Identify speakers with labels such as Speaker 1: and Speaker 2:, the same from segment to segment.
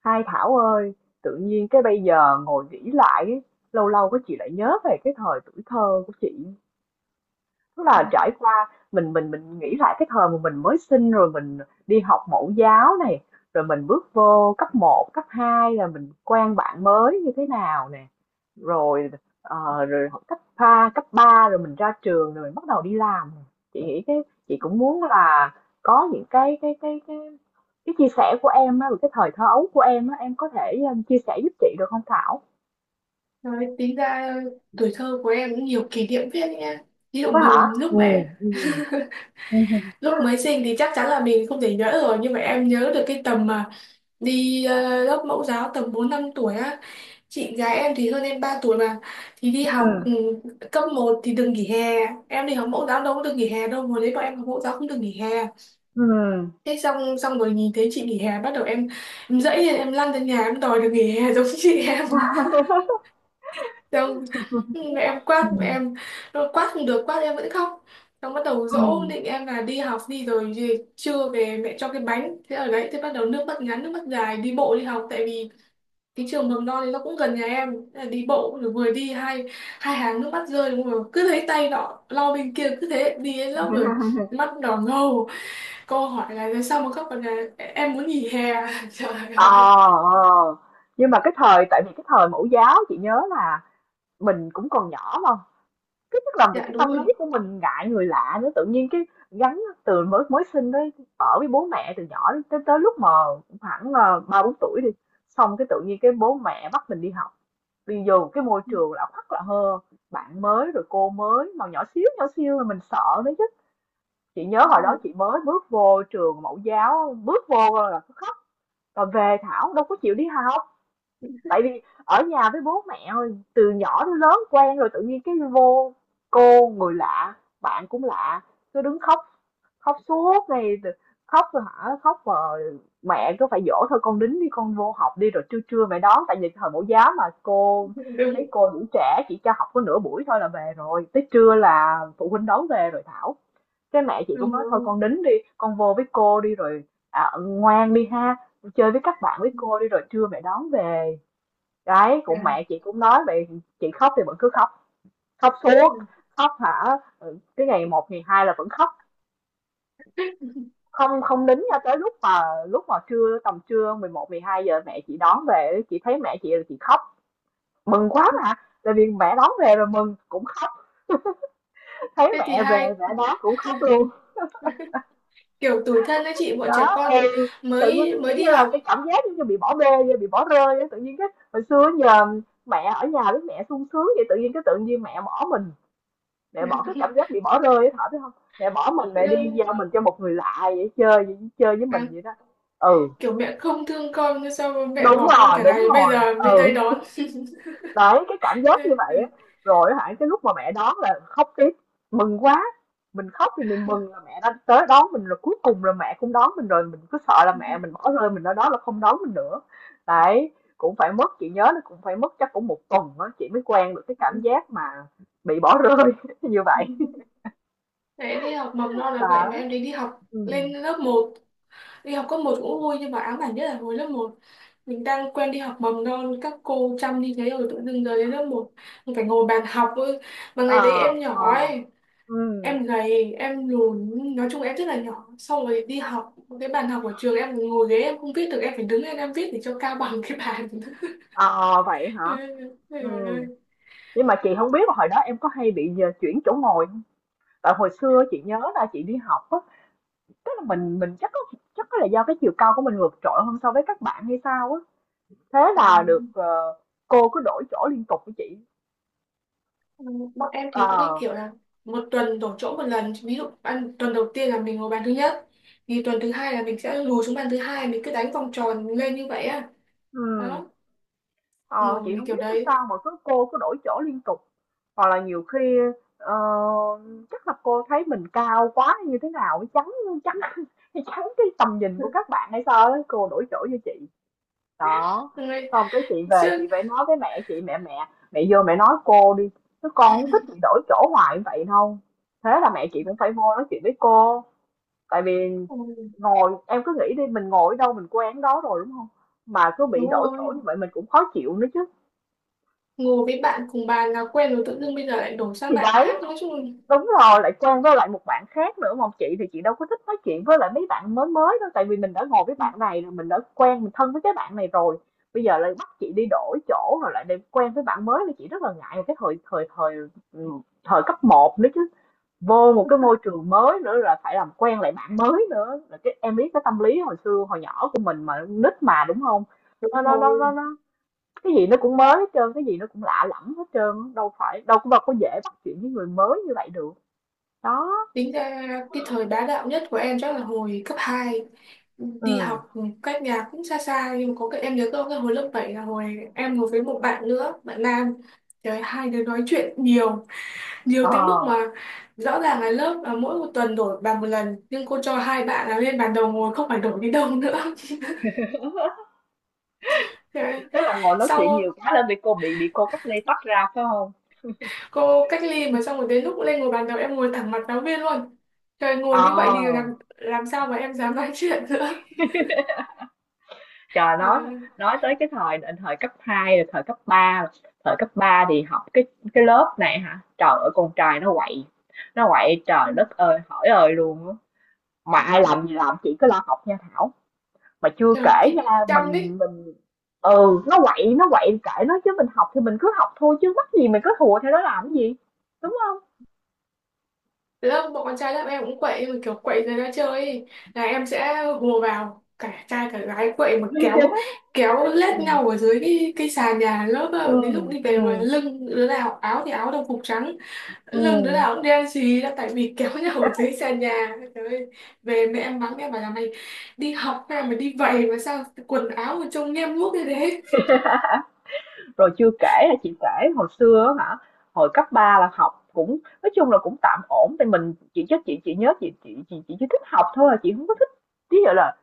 Speaker 1: Hai Thảo ơi, tự nhiên cái bây giờ ngồi nghĩ lại, lâu lâu cái chị lại nhớ về cái thời tuổi thơ của chị. Tức là trải qua mình nghĩ lại cái thời mà mình mới sinh rồi mình đi học mẫu giáo này, rồi mình bước vô cấp 1 cấp 2 là mình quen bạn mới như thế nào nè. Rồi rồi học cấp ba rồi mình ra trường rồi mình bắt đầu đi làm. Chị nghĩ cái chị cũng muốn là có những cái chia sẻ của em á, cái thời thơ ấu của em á, em có thể chia sẻ giúp chị được không Thảo?
Speaker 2: Nói tính ra tuổi thơ của em cũng nhiều kỷ niệm phết nha. Ví dụ
Speaker 1: Có hả?
Speaker 2: mình
Speaker 1: Ừ, ừ, ừ,
Speaker 2: lúc mới sinh thì chắc chắn là mình không thể nhớ rồi, nhưng mà em nhớ được cái tầm mà đi lớp mẫu giáo tầm 4-5 tuổi á. Chị gái em thì hơn em 3 tuổi mà thì đi học cấp một thì đừng nghỉ hè. Em đi học mẫu giáo đâu có được nghỉ hè đâu, hồi đấy bọn em học mẫu giáo không được nghỉ hè.
Speaker 1: ừ,
Speaker 2: Thế xong xong rồi nhìn thấy chị nghỉ hè bắt đầu em dẫy lên, em lăn ra nhà em đòi được nghỉ hè giống chị em. Xong mẹ em
Speaker 1: ừ.
Speaker 2: quát, mẹ em nó quát không được, quát em vẫn khóc, xong bắt đầu dỗ
Speaker 1: Ừm.
Speaker 2: định em là đi học đi rồi về trưa về mẹ cho cái bánh, thế ở đấy thế bắt đầu nước mắt ngắn nước mắt dài đi bộ đi học, tại vì cái trường mầm non thì nó cũng gần nhà em. Thế là đi bộ rồi vừa đi hai hai hàng nước mắt rơi đúng không, cứ thấy tay nó lo bên kia cứ thế đi đến lớp rồi mắt đỏ ngầu, cô hỏi là sao mà khóc, còn là em muốn nghỉ hè. Trời
Speaker 1: Ờ.
Speaker 2: ơi.
Speaker 1: Ờ. Nhưng mà cái thời tại vì cái thời mẫu giáo chị nhớ là mình cũng còn nhỏ mà, cái tức là mình
Speaker 2: Dạ
Speaker 1: cái
Speaker 2: đúng
Speaker 1: tâm lý
Speaker 2: rồi.
Speaker 1: của mình ngại người lạ nữa, tự nhiên cái gắn từ mới mới sinh đấy, ở với bố mẹ từ nhỏ đến tới tới lúc mà khoảng, 3 4 tuổi đi, xong cái tự nhiên cái bố mẹ bắt mình đi học, đi vô một cái môi trường lạ hoắc lạ hơ, bạn mới rồi cô mới mà nhỏ xíu là mình sợ đấy chứ. Chị nhớ hồi đó chị mới bước vô trường mẫu giáo, bước vô là còn về Thảo đâu có chịu đi học tại vì ở nhà với bố mẹ rồi, từ nhỏ đến lớn quen rồi tự nhiên cái vô cô người lạ bạn cũng lạ cứ đứng khóc khóc suốt ngày khóc rồi hả khóc mà mẹ cứ phải dỗ thôi con đính đi con vô học đi rồi trưa trưa mẹ đón tại vì thời mẫu giáo mà cô mấy
Speaker 2: Đúng,
Speaker 1: cô đủ trẻ chỉ cho học có nửa buổi thôi là về rồi tới trưa là phụ huynh đón về rồi Thảo cái mẹ chị cũng
Speaker 2: đúng
Speaker 1: nói thôi
Speaker 2: rồi.
Speaker 1: con đính đi, con vô với cô đi rồi à, ngoan đi ha, chơi với các bạn với cô đi rồi trưa mẹ đón về. Đấy, cũng
Speaker 2: Dạ.
Speaker 1: mẹ chị cũng nói vậy, chị khóc thì vẫn cứ khóc, khóc suốt, khóc hả? Ừ, cái ngày một ngày 2 là vẫn khóc, không không đính cho tới lúc mà trưa tầm trưa 11 12 giờ mẹ chị đón về, chị thấy mẹ chị là chị khóc, mừng quá mà. Tại vì mẹ đón về rồi mừng cũng khóc, thấy
Speaker 2: Thế thì
Speaker 1: mẹ về
Speaker 2: hai
Speaker 1: mẹ đón cũng khóc luôn
Speaker 2: kiểu tủi thân đấy chị, bọn trẻ
Speaker 1: đó thì
Speaker 2: con
Speaker 1: tự nhiên
Speaker 2: mới mới
Speaker 1: kiểu
Speaker 2: đi
Speaker 1: như là cái
Speaker 2: học.
Speaker 1: cảm giác giống như bị bỏ bê như bị bỏ rơi vậy. Tự nhiên cái hồi xưa nhờ mẹ ở nhà với mẹ sung sướng vậy tự nhiên cái tự nhiên mẹ bỏ mình mẹ bỏ
Speaker 2: Đúng
Speaker 1: cái
Speaker 2: không?
Speaker 1: cảm giác bị bỏ rơi ấy Thảo biết không mẹ bỏ mình
Speaker 2: Tự
Speaker 1: mẹ đi
Speaker 2: dưng
Speaker 1: giao mình cho một người lạ vậy, chơi với mình
Speaker 2: đáng-
Speaker 1: vậy đó. Ừ,
Speaker 2: kiểu mẹ không thương con, nhưng sao mà mẹ
Speaker 1: đúng
Speaker 2: bỏ con
Speaker 1: rồi
Speaker 2: cả
Speaker 1: đúng
Speaker 2: ngày bây
Speaker 1: rồi
Speaker 2: giờ mới tới
Speaker 1: Ừ.
Speaker 2: đón.
Speaker 1: Đấy, cái cảm giác như vậy á, rồi á hả, cái lúc mà mẹ đón là khóc tiếp, mừng quá, mình khóc thì mình mừng là mẹ đã tới đón mình rồi, cuối cùng là mẹ cũng đón mình rồi, mình cứ sợ là mẹ mình bỏ rơi mình ở đó là không đón mình nữa. Đấy, cũng phải mất, chị nhớ nó cũng phải mất chắc cũng một tuần á, chị mới quen được cái cảm giác mà bị bỏ rơi như vậy.
Speaker 2: Đấy, đi học mầm non là vậy, mà
Speaker 1: Đó.
Speaker 2: em đi đi học lên
Speaker 1: Ừm.
Speaker 2: lớp một, đi học cấp một cũng vui, nhưng mà ám ảnh nhất là hồi lớp một mình đang quen đi học mầm non các cô chăm đi, thế rồi tự dưng giờ đến lớp một mình phải ngồi bàn học ấy. Mà ngày
Speaker 1: Ờ.
Speaker 2: đấy em
Speaker 1: Ờ.
Speaker 2: nhỏ ấy,
Speaker 1: Ừm.
Speaker 2: em gầy em lùn, nói chung em rất là nhỏ, xong rồi đi học cái bàn học ở trường, em ngồi ghế em không viết được, em phải đứng lên em viết để cho cao bằng cái bàn.
Speaker 1: Ờ, vậy
Speaker 2: Ê,
Speaker 1: hả?
Speaker 2: ôi giời
Speaker 1: Ừm,
Speaker 2: ơi.
Speaker 1: nhưng mà chị không biết là hồi đó em có hay bị nhờ chuyển chỗ ngồi không? Tại hồi xưa chị nhớ là chị đi học á, tức là mình chắc có là do cái chiều cao của mình vượt trội hơn so với các bạn hay sao á. Thế
Speaker 2: Ừ.
Speaker 1: là được cô cứ đổi chỗ liên tục với chị.
Speaker 2: Bọn em thì có cái
Speaker 1: Ờ.
Speaker 2: kiểu là một tuần đổi chỗ một lần, ví dụ ăn tuần đầu tiên là mình ngồi bàn thứ nhất thì tuần thứ hai là mình sẽ lùi xuống bàn thứ hai, mình cứ đánh vòng tròn lên như vậy á.
Speaker 1: Ừm.
Speaker 2: Đó,
Speaker 1: Ờ, chị
Speaker 2: ngồi
Speaker 1: không
Speaker 2: kiểu
Speaker 1: biết làm
Speaker 2: đấy.
Speaker 1: sao mà cứ cô cứ đổi chỗ liên tục. Hoặc là nhiều khi ờ, chắc là cô thấy mình cao quá hay như thế nào chắn chắn chắn cái tầm nhìn của các bạn hay sao á, cô đổi chỗ cho chị. Đó,
Speaker 2: Ngồi-
Speaker 1: xong cái chị về chị
Speaker 2: chứ
Speaker 1: phải nói với mẹ chị, mẹ mẹ mẹ vô mẹ nói cô đi, chứ con không thích bị đổi chỗ hoài như vậy đâu. Thế là mẹ chị cũng phải vô nói chuyện với cô, tại vì
Speaker 2: ừ,
Speaker 1: ngồi em cứ nghĩ đi mình ngồi ở đâu mình quen đó rồi đúng không? Mà cứ bị
Speaker 2: đúng
Speaker 1: đổi chỗ như
Speaker 2: rồi,
Speaker 1: vậy mình cũng khó chịu nữa chứ.
Speaker 2: ngồi với bạn cùng bàn là quen rồi, tự dưng bây giờ lại đổi sang
Speaker 1: Thì
Speaker 2: bạn
Speaker 1: đấy.
Speaker 2: khác, nói chung.
Speaker 1: Đúng rồi, lại Trang với lại một bạn khác nữa mà chị thì chị đâu có thích nói chuyện với lại mấy bạn mới mới đâu tại vì mình đã ngồi với bạn này rồi mình đã quen mình thân với cái bạn này rồi bây giờ lại bắt chị đi đổi chỗ rồi lại để quen với bạn mới thì chị rất là ngại cái thời thời thời ừ, thời cấp 1 nữa chứ vô một cái môi trường mới nữa là phải làm quen lại bạn mới nữa là cái em biết cái tâm lý hồi xưa hồi nhỏ của mình mà nít mà đúng không nó
Speaker 2: Đúng
Speaker 1: nó
Speaker 2: rồi,
Speaker 1: nó nó, nó cái gì nó cũng mới hết trơn cái gì nó cũng lạ lẫm hết trơn đâu phải đâu có dễ bắt chuyện với người mới như vậy được đó.
Speaker 2: tính ra cái thời bá đạo nhất của em chắc là hồi cấp hai.
Speaker 1: Ừ.
Speaker 2: Đi học cách nhà cũng xa xa, nhưng mà có cái em nhớ, có cái hồi lớp 7 là hồi em ngồi với một bạn nữa, bạn nam. Trời ơi, hai đứa nói chuyện nhiều, nhiều
Speaker 1: Ờ,
Speaker 2: tới mức mà rõ ràng là lớp là mỗi một tuần đổi bàn một lần, nhưng cô cho hai bạn là lên bàn đầu ngồi không phải đổi đi đâu nữa. Trời ơi,
Speaker 1: tức là ngồi nói chuyện
Speaker 2: xong
Speaker 1: nhiều quá nên bị cô bị cô cách ly tách ra phải không?
Speaker 2: cô cách ly mà, xong rồi đến lúc lên ngồi bàn đầu em ngồi thẳng mặt giáo viên luôn. Trời, ngồi như vậy thì làm
Speaker 1: Ờ,
Speaker 2: làm sao mà em dám nói chuyện nữa.
Speaker 1: trời
Speaker 2: À,
Speaker 1: nói tới cái thời thời cấp 2, rồi thời cấp 3, thời cấp 3 thì học cái lớp này hả? Trời ơi con trai nó quậy. Nó quậy
Speaker 2: ừ.
Speaker 1: trời đất ơi, hỏi ơi luôn á. Mà ai làm gì làm chỉ có lo học nha Thảo. Mà chưa
Speaker 2: Trời,
Speaker 1: kể
Speaker 2: chị
Speaker 1: nha,
Speaker 2: chăm đi.
Speaker 1: mình nó quậy kệ nó chứ mình học thì mình cứ học thôi chứ mắc gì mình cứ thùa theo nó làm cái gì. Đúng không?
Speaker 2: Từ lớp bọn con trai lớp em cũng quậy, nhưng mà kiểu quậy người ta chơi ấy, là em sẽ hùa vào, cả trai cả gái quậy mà kéo kéo lết
Speaker 1: Ừ.
Speaker 2: nhau ở dưới cái sàn nhà lớp á.
Speaker 1: Ừ.
Speaker 2: Đến lúc đi về mà
Speaker 1: Ừ.
Speaker 2: lưng đứa nào áo thì áo đồng phục trắng, lưng đứa
Speaker 1: Ừm.
Speaker 2: nào cũng đen xì là tại vì kéo nhau ở dưới sàn nhà. Trời ơi, về mẹ em mắng em bảo là mày đi học hay mà đi vậy mà sao quần áo mà trông nhem nhuốc như thế.
Speaker 1: Rồi chưa kể hả, chị kể hồi xưa á hả, hồi cấp 3 là học cũng nói chung là cũng tạm ổn thì mình chị chắc chị nhớ chị chỉ thích học thôi à, chị không có thích ví dụ là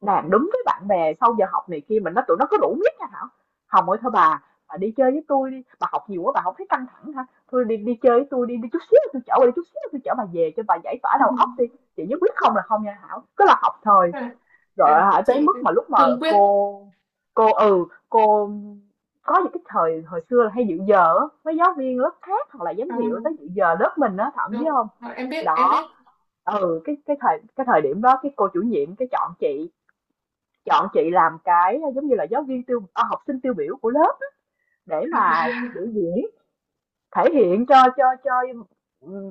Speaker 1: làm đúng với bạn bè sau giờ học này kia mình nói tụi nó có đủ miết nha Thảo. "Hồng ơi thôi bà đi chơi với tôi đi, bà học nhiều quá bà hổng thấy căng thẳng hả? Thôi đi đi chơi với tôi đi, đi chút xíu tôi chở bà đi, chút xíu tôi chở bà về cho bà giải tỏa đầu óc đi." Chị nhất quyết không là không nha Thảo, cứ là học thôi.
Speaker 2: À,
Speaker 1: Rồi
Speaker 2: à,
Speaker 1: hả? Tới
Speaker 2: chị
Speaker 1: mức mà lúc mà
Speaker 2: cương quyết.
Speaker 1: cô cô cô có những cái thời hồi xưa là hay dự giờ á, mấy giáo viên lớp khác hoặc là giám
Speaker 2: À,
Speaker 1: hiệu tới dự giờ lớp mình á, thậm biết
Speaker 2: đúng
Speaker 1: không.
Speaker 2: rồi, em biết em
Speaker 1: Đó,
Speaker 2: biết.
Speaker 1: ừ, cái thời điểm đó cái cô chủ nhiệm cái chọn chị làm cái, giống như là, giáo viên tiêu à, học sinh tiêu biểu của lớp để mà biểu diễn thể hiện cho cho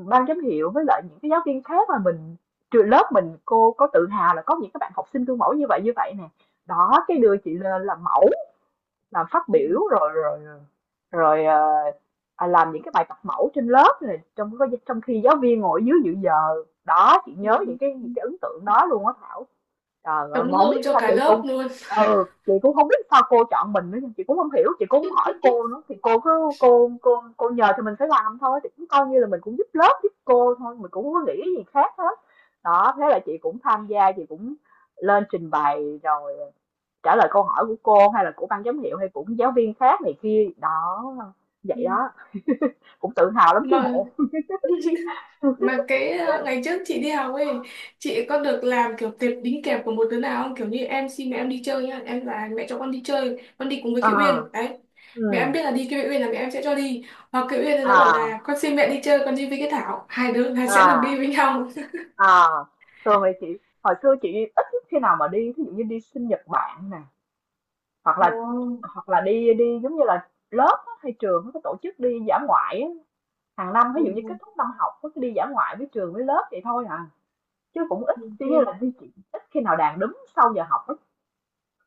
Speaker 1: ban giám hiệu với lại những cái giáo viên khác mà mình trường lớp mình cô có tự hào là có những các bạn học sinh gương mẫu như vậy nè đó cái đưa chị lên làm mẫu làm phát
Speaker 2: Ừ.
Speaker 1: biểu rồi rồi rồi làm những cái bài tập mẫu trên lớp này trong trong khi giáo viên ngồi dưới dự giờ đó chị
Speaker 2: Ừ.
Speaker 1: nhớ những cái ấn tượng đó luôn á Thảo. Trời ơi,
Speaker 2: Tấm
Speaker 1: mà không biết
Speaker 2: gương
Speaker 1: tại
Speaker 2: cho
Speaker 1: sao
Speaker 2: cả
Speaker 1: chị
Speaker 2: lớp
Speaker 1: cũng
Speaker 2: luôn.
Speaker 1: ừ, chị cũng không biết sao cô chọn mình nữa, chị cũng không hiểu, chị cũng hông hỏi cô nữa, thì cô cứ cô nhờ thì mình phải làm thôi, thì cũng coi như là mình cũng giúp lớp, giúp cô thôi, mình cũng hông có nghĩ gì khác hết. Đó, thế là chị cũng tham gia, chị cũng lên trình bày rồi trả lời câu hỏi của cô hay là của ban giám hiệu hay của giáo viên khác này kia, đó, vậy đó, cũng tự hào lắm chứ
Speaker 2: mà
Speaker 1: bộ.
Speaker 2: mà cái ngày trước chị đi học ấy, chị có được làm kiểu tệp đính kèm của một đứa nào không, kiểu như em xin mẹ em đi chơi nhá, em là mẹ cho con đi chơi, con đi cùng với
Speaker 1: Ờ.
Speaker 2: Kiều Uyên đấy, mẹ em
Speaker 1: Ừm.
Speaker 2: biết là đi Kiều Uyên là mẹ em sẽ cho đi, hoặc Kiều Uyên thì nó bảo
Speaker 1: À.
Speaker 2: là con xin mẹ đi chơi, con đi với cái Thảo, hai đứa hai sẽ được đi
Speaker 1: À.
Speaker 2: với nhau.
Speaker 1: À, thường thì chị hồi xưa chị ít khi nào mà đi thí dụ như đi sinh nhật bạn nè hoặc
Speaker 2: Ồ,
Speaker 1: là hoặc là đi đi giống như là lớp á, hay trường nó có tổ chức đi dã ngoại á. Hàng năm ví dụ như kết
Speaker 2: ừ,
Speaker 1: thúc năm học có cái đi dã ngoại với trường với lớp vậy thôi à chứ cũng ít chỉ
Speaker 2: ok.
Speaker 1: như là đi chị ít khi nào đàn đúng sau giờ học.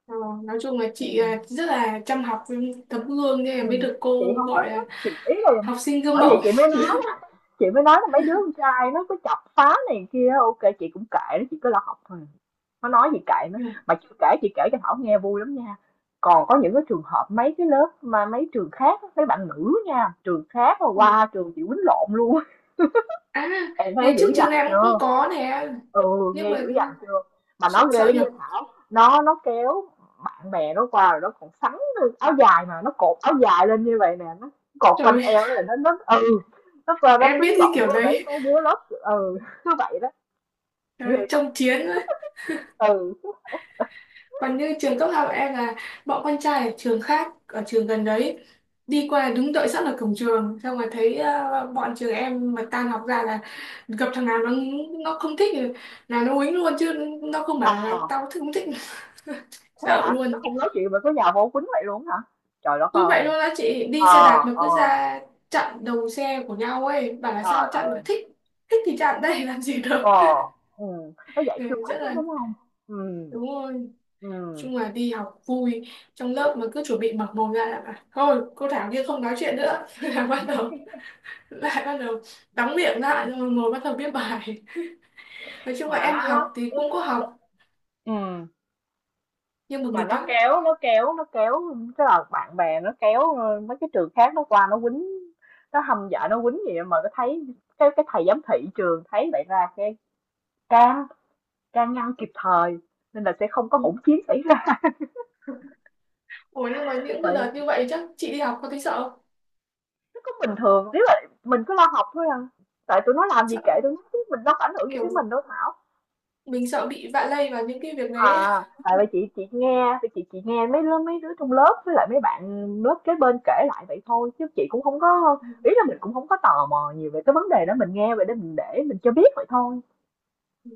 Speaker 2: Ờ, nói chung là chị à, rất là chăm học với tấm gương nên là mới
Speaker 1: Ừm,
Speaker 2: được
Speaker 1: chị
Speaker 2: cô
Speaker 1: không có
Speaker 2: gọi là
Speaker 1: thích, chị ý là
Speaker 2: học sinh gương
Speaker 1: bởi vậy
Speaker 2: mẫu.
Speaker 1: chị mới nói á, chị mới nói là mấy đứa con trai nó cứ chọc phá này kia ok chị cũng kệ nó, chị cứ lo học thôi. Nó nói gì kệ nó,
Speaker 2: Ừ.
Speaker 1: mà chưa kể chị kể cho Thảo nghe vui lắm nha. Còn có những cái trường hợp mấy cái lớp mà mấy trường khác á, mấy bạn nữ nha, trường khác mà
Speaker 2: Ừ.
Speaker 1: qua trường chị quýnh lộn luôn
Speaker 2: À,
Speaker 1: em thấy
Speaker 2: ngày
Speaker 1: dữ
Speaker 2: trước
Speaker 1: dằn
Speaker 2: trường em cũng cũng
Speaker 1: chưa?
Speaker 2: có nè,
Speaker 1: Ừ,
Speaker 2: nhưng
Speaker 1: nghe
Speaker 2: mà
Speaker 1: dữ dằn chưa? Mà nó
Speaker 2: sợ,
Speaker 1: ghê
Speaker 2: sợ
Speaker 1: lắm nha
Speaker 2: nhập.
Speaker 1: Thảo. Nó kéo bạn bè nó qua rồi nó còn sắn lên áo dài mà nó cột áo dài lên như vậy nè, nó cột quanh
Speaker 2: Rồi,
Speaker 1: eo nó là nó ừ, nó qua nó
Speaker 2: em
Speaker 1: quýnh
Speaker 2: biết cái
Speaker 1: lộn
Speaker 2: kiểu
Speaker 1: với mấy
Speaker 2: đấy.
Speaker 1: mấy đứa lớp ừ, cứ vậy đó. Ghê
Speaker 2: Trời,
Speaker 1: thật.
Speaker 2: trông chiến ấy.
Speaker 1: Ừ.
Speaker 2: Còn như trường cấp học em là bọn con trai ở trường khác, ở trường gần đấy, đi qua đứng đợi sẵn ở cổng trường, xong rồi thấy à, bọn trường em mà tan học ra là gặp thằng nào nó không thích thì là nó uýnh luôn chứ, nó không bảo là
Speaker 1: À,
Speaker 2: tao thích không thích,
Speaker 1: thế
Speaker 2: dạo
Speaker 1: hả? Nó
Speaker 2: luôn.
Speaker 1: không nói chuyện mà cứ nhào vô quýnh vậy luôn hả? Trời đất
Speaker 2: Cứ vậy
Speaker 1: ơi.
Speaker 2: luôn á chị, đi xe đạp
Speaker 1: Ờ.
Speaker 2: mà
Speaker 1: Ờ.
Speaker 2: cứ ra chặn đầu xe của nhau ấy, bảo là sao
Speaker 1: Trời
Speaker 2: chặn
Speaker 1: ơi.
Speaker 2: mà thích. Thích thì chặn đây làm gì được.
Speaker 1: Ờ. Ừ, nó dạy khiêu
Speaker 2: Ừ, rất
Speaker 1: khích đó
Speaker 2: là
Speaker 1: đúng không? Ừ.
Speaker 2: đúng rồi,
Speaker 1: Ừ.
Speaker 2: chung là đi học vui. Trong lớp mà cứ chuẩn bị mở mồm ra là bảo, thôi cô Thảo kia không nói chuyện nữa. Là bắt đầu, lại bắt đầu đóng miệng lại rồi ngồi bắt đầu viết bài. Nói chung là
Speaker 1: Mà
Speaker 2: em học thì cũng có
Speaker 1: nó-
Speaker 2: học,
Speaker 1: ừ
Speaker 2: nhưng mà
Speaker 1: mà
Speaker 2: nghịch lắm.
Speaker 1: nó kéo tức là bạn bè nó kéo mấy cái trường khác nó qua nó quýnh nó hâm dọa nó quýnh gì mà nó thấy cái thầy giám thị trường thấy vậy ra cái can can ngăn kịp thời nên là sẽ không có hỗn chiến xảy ra
Speaker 2: Ủa, nhưng mà những cái
Speaker 1: vậy
Speaker 2: đợt như vậy chắc chị đi học có thấy sợ không?
Speaker 1: nó cũng bình thường nếu mà mình cứ lo học thôi à tại tụi nó làm gì kệ tụi
Speaker 2: Sợ
Speaker 1: nó chứ mình đâu có ảnh hưởng gì
Speaker 2: kiểu
Speaker 1: tới mình đâu Thảo.
Speaker 2: mình sợ bị vạ lây vào những cái việc đấy
Speaker 1: À, tại vì chị nghe thì chị nghe mấy lớp mấy đứa trong lớp với lại mấy bạn lớp kế bên kể lại vậy thôi chứ chị cũng không có
Speaker 2: ấy.
Speaker 1: ý là mình cũng không có tò mò nhiều về cái vấn đề đó mình nghe vậy để mình cho biết vậy thôi
Speaker 2: Ừ,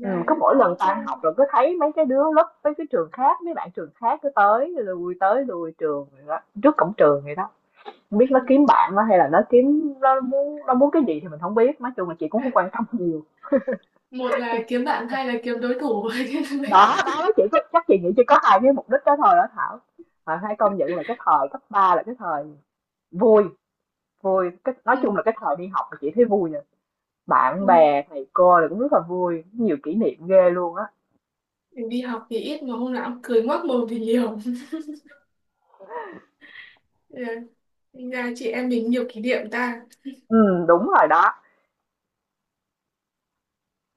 Speaker 1: ừ, cứ mỗi lần
Speaker 2: nói
Speaker 1: tan học
Speaker 2: chung
Speaker 1: rồi cứ thấy mấy cái đứa lớp mấy cái trường khác mấy bạn trường khác cứ tới lui trường rồi đó, trước cổng trường vậy đó không biết nó kiếm bạn nó hay là nó kiếm nó muốn cái gì thì mình không biết nói chung là chị cũng không quan tâm nhiều
Speaker 2: một là kiếm bạn, hai là kiếm đối thủ.
Speaker 1: đó đó chỉ có chắc chị nghĩ chỉ có hai cái mục đích đó thôi đó Thảo. À, hãy công nhận là cái thời cấp 3 là cái thời vui vui cái, nói chung
Speaker 2: Ừ,
Speaker 1: là cái thời đi học là chị thấy vui nha
Speaker 2: ừ.
Speaker 1: bạn bè thầy cô là cũng rất là vui nhiều kỷ niệm ghê luôn á
Speaker 2: Mình đi học thì ít mà hôm nào cũng cười ngoác mồm thì nhiều. Ừ, gà chị em mình nhiều kỷ niệm ta.
Speaker 1: ừ đúng rồi đó.